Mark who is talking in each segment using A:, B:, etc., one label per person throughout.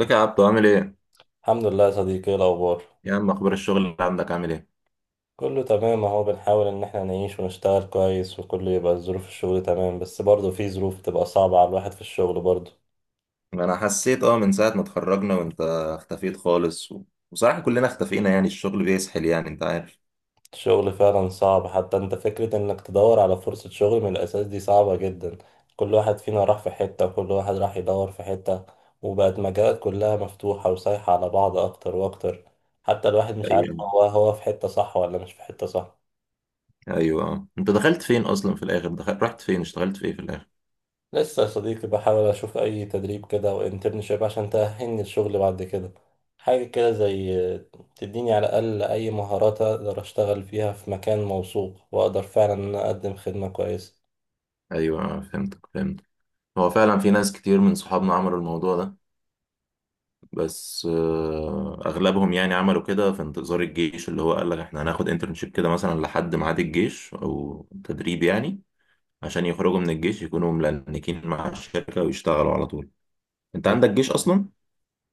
A: ازيك يا عبدو، عامل ايه؟
B: الحمد لله يا صديقي، ايه الاخبار؟
A: يا عم، اخبار الشغل اللي عندك عامل ايه؟
B: كله تمام اهو، بنحاول ان احنا نعيش ونشتغل كويس وكله يبقى ظروف الشغل تمام، بس برضه في ظروف بتبقى صعبة على الواحد في الشغل برضه.
A: انا حسيت من ساعة ما اتخرجنا وانت اختفيت خالص وصراحة كلنا اختفينا، يعني الشغل بيسحل، يعني انت عارف.
B: الشغل فعلا صعب، حتى انت فكرة انك تدور على فرصة شغل من الاساس دي صعبة جدا. كل واحد فينا راح في حتة وكل واحد راح يدور في حتة، وبقت مجالات كلها مفتوحة وسايحة على بعض اكتر واكتر. حتى الواحد مش عارف
A: ايوه،
B: هو في حتة صح ولا مش في حتة صح.
A: ايوه، اه. انت دخلت فين اصلا في الاخر؟ رحت فين؟ اشتغلت في ايه في الاخر؟
B: لسه يا صديقي بحاول أشوف أي تدريب كده أو انترنشيب عشان تأهلني الشغل بعد كده، حاجة كده زي تديني على الأقل أي مهارات أقدر أشتغل فيها في مكان موثوق، وأقدر فعلا إن أنا أقدم خدمة كويسة.
A: ايوه اه، فهمتك، فهمت. هو فعلا في ناس كتير من صحابنا عملوا الموضوع ده، بس اغلبهم يعني عملوا كده في انتظار الجيش، اللي هو قال لك احنا هناخد انترنشيب كده مثلا لحد ميعاد الجيش او تدريب، يعني عشان يخرجوا من الجيش يكونوا ملنكين مع الشركة ويشتغلوا على طول. انت
B: دي
A: عندك جيش اصلا؟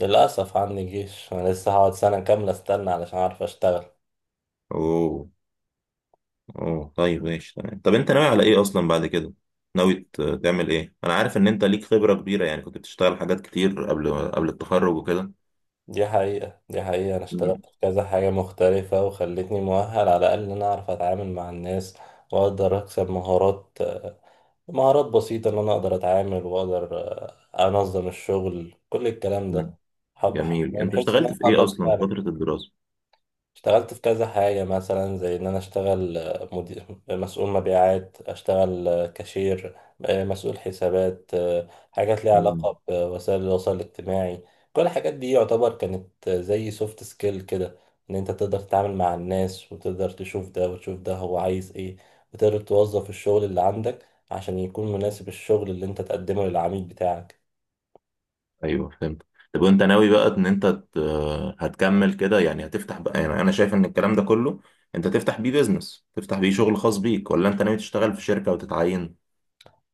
B: للأسف عندي جيش، أنا لسه هقعد سنة كاملة أستنى علشان أعرف أشتغل.
A: اوه، اوه طيب، ماشي تمام. طب انت ناوي على ايه اصلا بعد كده؟ ناوي تعمل ايه؟ انا عارف ان انت ليك خبرة كبيرة، يعني كنت بتشتغل حاجات كتير قبل التخرج وكده.
B: دي حقيقة، أنا
A: مم.
B: اشتغلت في كذا حاجة مختلفة، وخلتني مؤهل على الأقل إن أنا أعرف أتعامل مع الناس وأقدر أكسب مهارات، مهارات بسيطة إن أنا أقدر أتعامل وأقدر أنظم الشغل كل الكلام
A: مم.
B: ده. حب
A: جميل. انت
B: بحيث إن
A: اشتغلت
B: أنا
A: في ايه
B: أقدر
A: اصلا في
B: فعلا.
A: فترة الدراسة؟
B: اشتغلت في كذا حاجة، مثلا زي إن أنا أشتغل مدير مسؤول مبيعات، أشتغل كاشير، مسؤول حسابات، حاجات ليها علاقة بوسائل التواصل الاجتماعي. كل الحاجات دي يعتبر كانت زي سوفت سكيل كده، إن أنت تقدر تتعامل مع الناس وتقدر تشوف ده وتشوف ده هو عايز إيه، وتقدر توظف الشغل اللي عندك عشان يكون مناسب الشغل اللي أنت تقدمه للعميل بتاعك.
A: ايوه، فهمت. طب وانت ناوي بقى ان انت هتكمل كده يعني، هتفتح بقى، يعني انا شايف ان الكلام ده كله انت تفتح بيه بيزنس، تفتح بيه شغل خاص بيك، ولا انت ناوي تشتغل في شركة وتتعين؟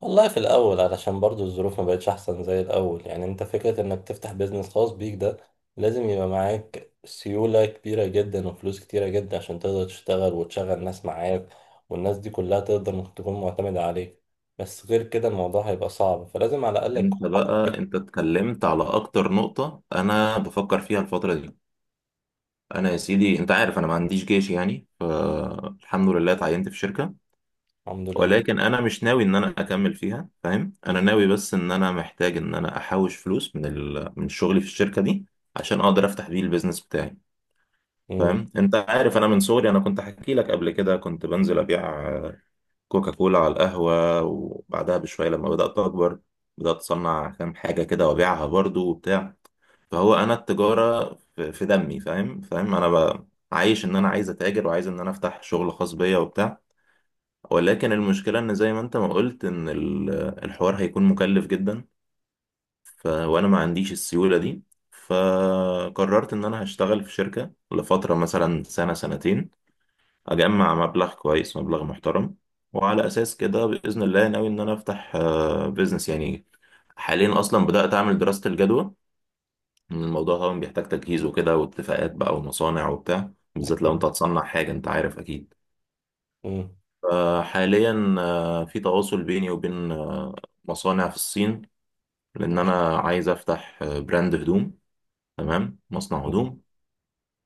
B: والله في الأول، علشان برضو الظروف ما بقتش أحسن زي الأول، يعني أنت فكرة إنك تفتح بيزنس خاص بيك ده لازم يبقى معاك سيولة كبيرة جدا وفلوس كتيرة جدا عشان تقدر تشتغل وتشغل ناس معاك، والناس دي كلها تقدر إنك تكون معتمدة عليك. بس غير كده الموضوع هيبقى صعب، فلازم على الأقل يكون
A: انت بقى،
B: حظك.
A: انت اتكلمت على اكتر نقطة انا بفكر فيها الفترة دي. انا يا سيدي، انت عارف انا ما عنديش جيش يعني، فالحمد لله اتعينت في شركة.
B: الحمد لله.
A: ولكن انا مش ناوي ان انا اكمل فيها، فاهم؟ انا ناوي بس ان انا محتاج ان انا احوش فلوس من شغلي في الشركة دي عشان اقدر افتح بيه البيزنس بتاعي.
B: امم.
A: فاهم؟ انت عارف انا من صغري، انا كنت احكي لك قبل كده، كنت بنزل ابيع كوكا كولا على القهوه، وبعدها بشويه لما بدات اكبر بدات اصنع كام حاجه كده وابيعها برضو وبتاع. فهو انا التجاره في دمي، فاهم انا عايش ان انا عايز اتاجر وعايز ان انا افتح شغل خاص بيا وبتاع. ولكن المشكله ان زي ما انت ما قلت ان الحوار هيكون مكلف جدا. وانا ما عنديش السيوله دي. فقررت ان انا هشتغل في شركه لفتره، مثلا سنه، سنتين، اجمع مبلغ كويس، مبلغ محترم، وعلى اساس كده باذن الله ناوي ان انا افتح بيزنس يعني. حاليا اصلا بدات اعمل دراسه الجدوى. إن الموضوع طبعا بيحتاج تجهيز وكده، واتفاقات بقى، ومصانع وبتاع، بالذات لو
B: أكيد.
A: انت هتصنع حاجه انت عارف اكيد.
B: امم.
A: فحاليا في تواصل بيني وبين مصانع في الصين، لان انا عايز افتح براند هدوم، تمام، مصنع
B: امم.
A: هدوم.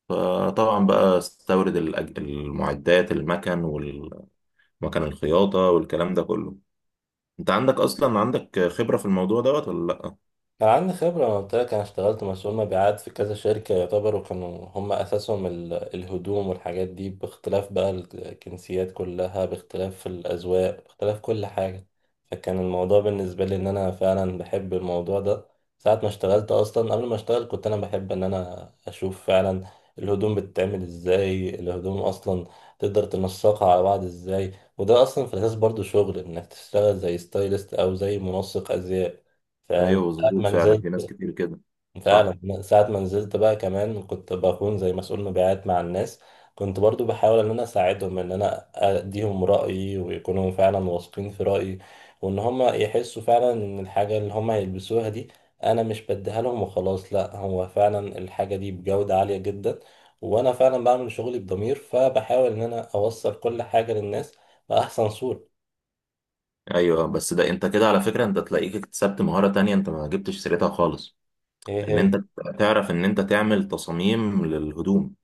A: فطبعا بقى استورد المعدات، المكن والمكن الخياطة والكلام ده كله. انت عندك اصلا عندك خبرة في الموضوع دوت ولا لا؟
B: كان عندي خبرة، أنا قلت لك أنا اشتغلت مسؤول مبيعات في كذا شركة يعتبروا كانوا هم أساسهم الهدوم والحاجات دي، باختلاف بقى الجنسيات كلها، باختلاف الأذواق، باختلاف كل حاجة. فكان الموضوع بالنسبة لي إن أنا فعلا بحب الموضوع ده. ساعة ما اشتغلت أصلا، قبل ما اشتغل كنت أنا بحب إن أنا أشوف فعلا الهدوم بتتعمل إزاي، الهدوم أصلا تقدر تنسقها على بعض إزاي. وده أصلا في الأساس برضو شغل، إنك تشتغل زي ستايلست أو زي منسق أزياء. فاهم؟
A: ايوه،
B: ساعة
A: مظبوط،
B: ما
A: فعلا
B: نزلت
A: في ناس كتير كده. صح.
B: فعلا من ساعة ما نزلت بقى كمان كنت بكون زي مسؤول مبيعات مع الناس. كنت برضو بحاول ان انا اساعدهم، ان انا اديهم رأيي ويكونوا فعلا واثقين في رأيي، وان هم يحسوا فعلا ان الحاجة اللي هم هيلبسوها دي انا مش بديها لهم وخلاص، لا هو فعلا الحاجة دي بجودة عالية جدا، وانا فعلا بعمل شغلي بضمير، فبحاول ان انا اوصل كل حاجة للناس بأحسن صورة.
A: ايوه، بس ده انت كده على فكرة انت تلاقيك اكتسبت مهارة تانية، انت ما جبتش سيرتها خالص.
B: ايه
A: ان
B: هي؟
A: انت تعرف ان انت تعمل تصاميم للهدوم،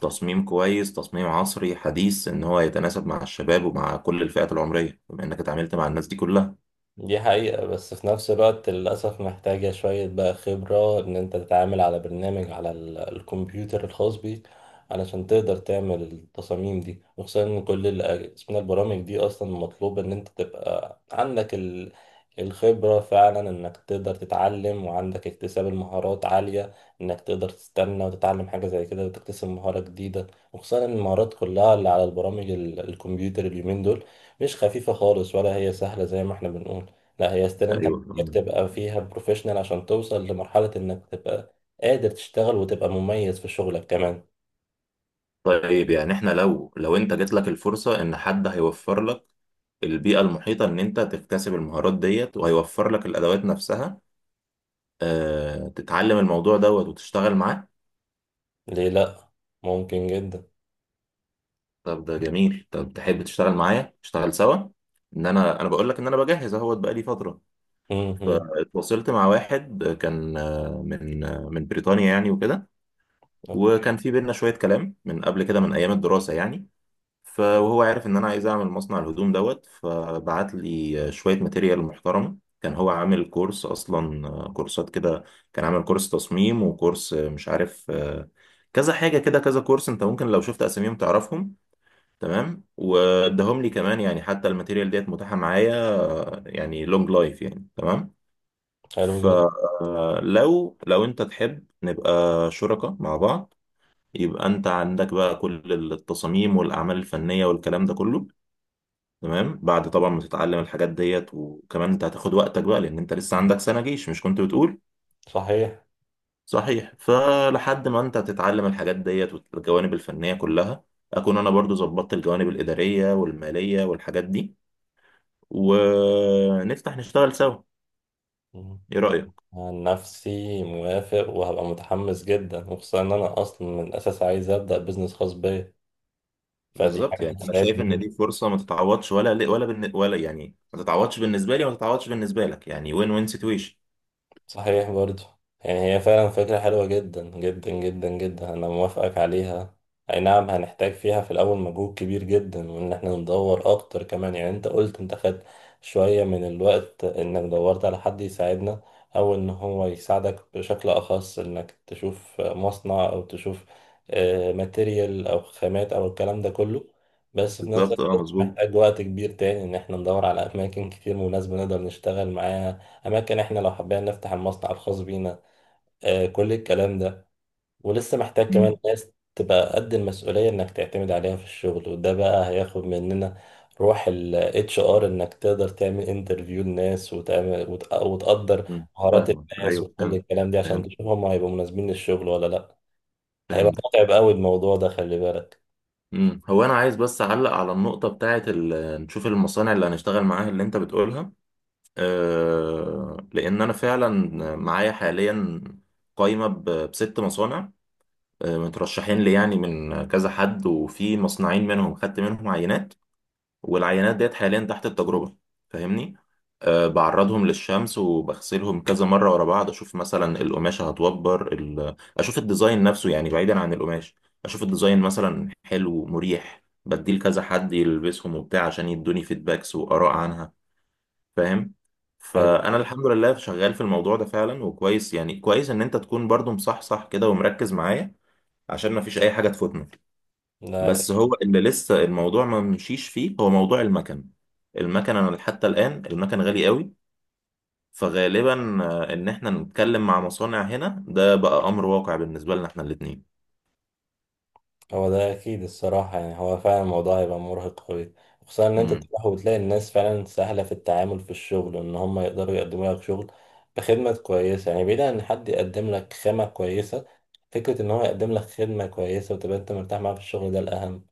A: تصميم كويس، تصميم عصري حديث، ان هو يتناسب مع الشباب ومع كل الفئات العمرية، بما انك اتعاملت مع الناس دي كلها.
B: دي حقيقة، بس في نفس الوقت للأسف محتاجة شوية بقى خبرة إن أنت تتعامل على برنامج، على الكمبيوتر الخاص بيك، علشان تقدر تعمل التصاميم دي. وخصوصا إن كل اسمها البرامج دي أصلا مطلوب إن أنت تبقى عندك الخبرة فعلا، إنك تقدر تتعلم وعندك اكتساب المهارات عالية، إنك تقدر تستنى وتتعلم حاجة زي كده وتكتسب مهارة جديدة. وخصوصا إن المهارات كلها اللي على البرامج الكمبيوتر اليومين دول مش خفيفة خالص ولا هي سهلة زي ما احنا بنقول، لا هي ستيل انت
A: ايوه.
B: محتاج تبقى فيها بروفيشنال عشان توصل لمرحلة انك تبقى قادر تشتغل وتبقى مميز في شغلك كمان.
A: طيب، يعني احنا لو انت جات لك الفرصة ان حد هيوفر لك البيئة المحيطة ان انت تكتسب المهارات ديت، وهيوفر لك الادوات نفسها، اه تتعلم الموضوع دوت وتشتغل معاه.
B: ليه لا؟ ممكن جدا.
A: طب ده جميل. طب تحب تشتغل معايا، نشتغل سوا؟ ان انا بقول لك ان انا بجهز اهوت بقالي فترة.
B: امم.
A: فاتواصلت مع واحد كان من بريطانيا يعني وكده.
B: اوكي.
A: وكان في بينا شوية كلام من قبل كده من ايام الدراسة يعني. وهو عارف ان انا عايز اعمل مصنع الهدوم دوت، فبعت لي شويه ماتيريال محترمه. كان هو عامل كورس اصلا، كورسات كده. كان عامل كورس تصميم، وكورس مش عارف كذا حاجه كده، كذا كورس انت ممكن لو شفت اساميهم تعرفهم. تمام، واداهم لي كمان يعني، حتى الماتيريال ديت متاحه معايا يعني لونج لايف يعني، تمام.
B: حلو جدا.
A: فلو انت تحب نبقى شركاء مع بعض، يبقى انت عندك بقى كل التصاميم والاعمال الفنيه والكلام ده كله، تمام، بعد طبعا ما تتعلم الحاجات ديت. وكمان انت هتاخد وقتك بقى، لان انت لسه عندك سنة جيش، مش كنت بتقول؟
B: صحيح.
A: صحيح. فلحد ما انت تتعلم الحاجات ديت والجوانب الفنية كلها، اكون انا برضو ظبطت الجوانب الإدارية والمالية والحاجات دي، ونفتح نشتغل سوا.
B: مم.
A: ايه رأيك؟
B: عن نفسي موافق وهبقى متحمس جدا، وخصوصا ان انا اصلا من الاساس عايز ابدا بزنس خاص بيا، فدي
A: بالظبط،
B: حاجة
A: يعني انا شايف ان
B: هتساعدني.
A: دي فرصة ما تتعوضش، ولا يعني ما تتعوضش بالنسبة لي، وما تتعوضش بالنسبة لك، يعني وين وين سيتويشن.
B: صحيح برضو. يعني هي فعلا فكرة حلوة جدا جدا جدا جدا، أنا موافقك عليها. أي نعم، هنحتاج فيها في الأول مجهود كبير جدا، وإن إحنا ندور أكتر كمان. يعني أنت قلت أنت خدت شوية من الوقت إنك دورت على حد يساعدنا، أو إن هو يساعدك بشكل أخص، إنك تشوف مصنع أو تشوف ماتيريال أو خامات أو الكلام ده كله. بس في نفس
A: بالظبط، اه،
B: الوقت
A: مظبوط.
B: محتاج وقت كبير تاني إن إحنا ندور على أماكن كتير مناسبة نقدر نشتغل معاها، اماكن احنا لو حبينا نفتح المصنع الخاص بينا، آه، كل الكلام ده. ولسه محتاج
A: مم.
B: كمان ناس تبقى قد المسؤولية انك تعتمد عليها في الشغل، وده بقى هياخد مننا روح ال HR، انك تقدر تعمل انترفيو للناس وتعمل وتقدر
A: مم.
B: مهارات
A: فاهمك،
B: الناس
A: ايوه
B: وكل
A: فهمت.
B: الكلام ده عشان
A: فهمت.
B: تشوف هم هيبقوا مناسبين للشغل ولا لا. هيبقى
A: فهمت.
B: متعب قوي الموضوع ده، خلي بالك.
A: مم. هو انا عايز بس اعلق على النقطه بتاعه نشوف المصانع اللي هنشتغل معاها اللي انت بتقولها. أه، لان انا فعلا معايا حاليا قايمه بست مصانع مترشحين لي يعني من كذا حد، وفي مصنعين منهم خدت منهم عينات، والعينات ديت حاليا تحت التجربة. فاهمني؟ أه بعرضهم للشمس، وبغسلهم كذا مرة ورا بعض، أشوف مثلا القماشة هتوبر أشوف الديزاين نفسه يعني بعيدا عن القماش، أشوف الديزاين مثلا حلو مريح، بديه لكذا حد يلبسهم وبتاع عشان يدوني فيدباكس وآراء عنها، فاهم؟
B: حلو.
A: فأنا الحمد لله شغال في الموضوع ده فعلا، وكويس يعني كويس إن أنت تكون برضو مصحصح كده ومركز معايا، عشان مفيش أي حاجة تفوتنا.
B: لا،
A: بس هو اللي لسه الموضوع ما مشيش فيه هو موضوع المكن. المكن انا حتى الان المكن غالي قوي. فغالبا ان احنا نتكلم مع مصانع هنا ده بقى امر واقع بالنسبه لنا احنا الاثنين.
B: هو ده اكيد الصراحه، يعني هو فعلا الموضوع هيبقى مرهق قوي، خصوصا ان انت
A: امم.
B: تروح وتلاقي الناس فعلا سهله في التعامل في الشغل وان هم يقدروا يقدموا لك شغل بخدمه كويسه. يعني بعيد عن ان حد يقدم لك خامه كويسه، فكره ان هو يقدم لك خدمه كويسه وتبقى انت مرتاح معاه في الشغل ده الاهم.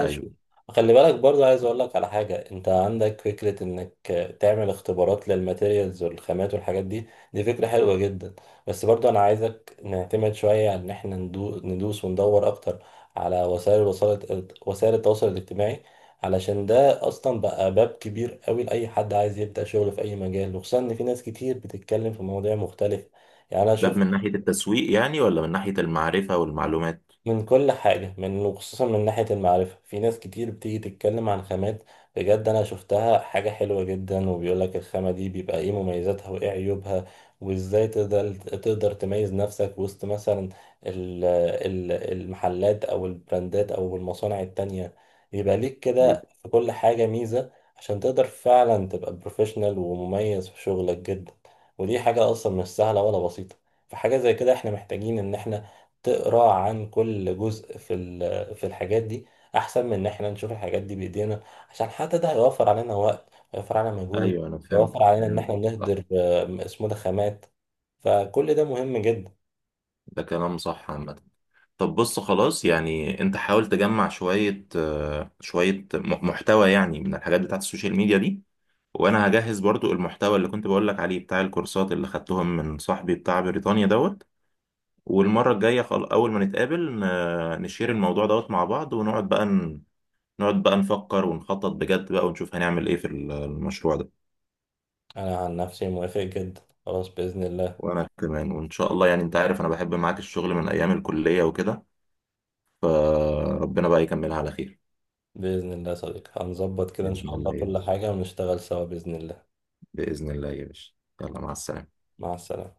A: ايوه،
B: خلي بالك برضه، عايز اقول لك على حاجه، انت عندك فكره انك تعمل اختبارات للماتيريالز والخامات والحاجات دي، دي فكره حلوه جدا. بس برضه انا عايزك نعتمد شويه على ان احنا ندوس وندور اكتر على وسائل وسائل التواصل الاجتماعي، علشان ده اصلا بقى باب كبير قوي لاي حد عايز يبدا شغل في اي مجال. وخصوصا ان في ناس كتير بتتكلم في مواضيع مختلفه. يعني انا
A: باب
B: شفت
A: من ناحيه التسويق يعني، ولا من ناحيه المعرفه والمعلومات؟
B: من كل حاجة، من وخصوصا من ناحية المعرفة، في ناس كتير بتيجي تتكلم عن خامات بجد، أنا شفتها حاجة حلوة جدا، وبيقولك الخامة دي بيبقى إيه مميزاتها وإيه عيوبها، وإزاي تقدر تميز نفسك وسط مثلا المحلات أو البراندات أو المصانع التانية، يبقى ليك
A: ايوه،
B: كده في كل حاجة ميزة، عشان تقدر فعلا تبقى بروفيشنال ومميز في شغلك جدا. ودي حاجة أصلا مش سهلة ولا بسيطة، فحاجة زي كده احنا محتاجين ان احنا تقرا عن كل جزء في في الحاجات دي، احسن من ان احنا نشوف الحاجات دي بايدينا، عشان حتى ده هيوفر علينا وقت، هيوفر علينا مجهود،
A: ايوه، انا
B: هيوفر
A: فهمتك،
B: علينا ان احنا نهدر اسمه ده خامات. فكل ده مهم جدا.
A: ده كلام صح عامه. طب بص، خلاص يعني، انت حاول تجمع شويه محتوى يعني من الحاجات بتاعت السوشيال ميديا دي. وانا هجهز برضو المحتوى اللي كنت بقولك عليه بتاع الكورسات اللي خدتهم من صاحبي بتاع بريطانيا دوت. والمرة الجاية اول ما نتقابل نشير الموضوع دوت مع بعض، ونقعد بقى ن... نقعد بقى نفكر ونخطط بجد بقى، ونشوف هنعمل ايه في المشروع ده.
B: انا عن نفسي موافق جدا، خلاص باذن الله.
A: وانا كمان، وان شاء الله، يعني انت عارف انا بحب معاك الشغل من ايام الكلية وكده، فربنا بقى يكملها على خير.
B: باذن الله يا صديقي، هنظبط كده ان
A: بإذن
B: شاء الله
A: الله يا
B: كل
A: باشا.
B: حاجه ونشتغل سوا باذن الله.
A: بإذن الله يا باشا. يلا، مع السلامة.
B: مع السلامه.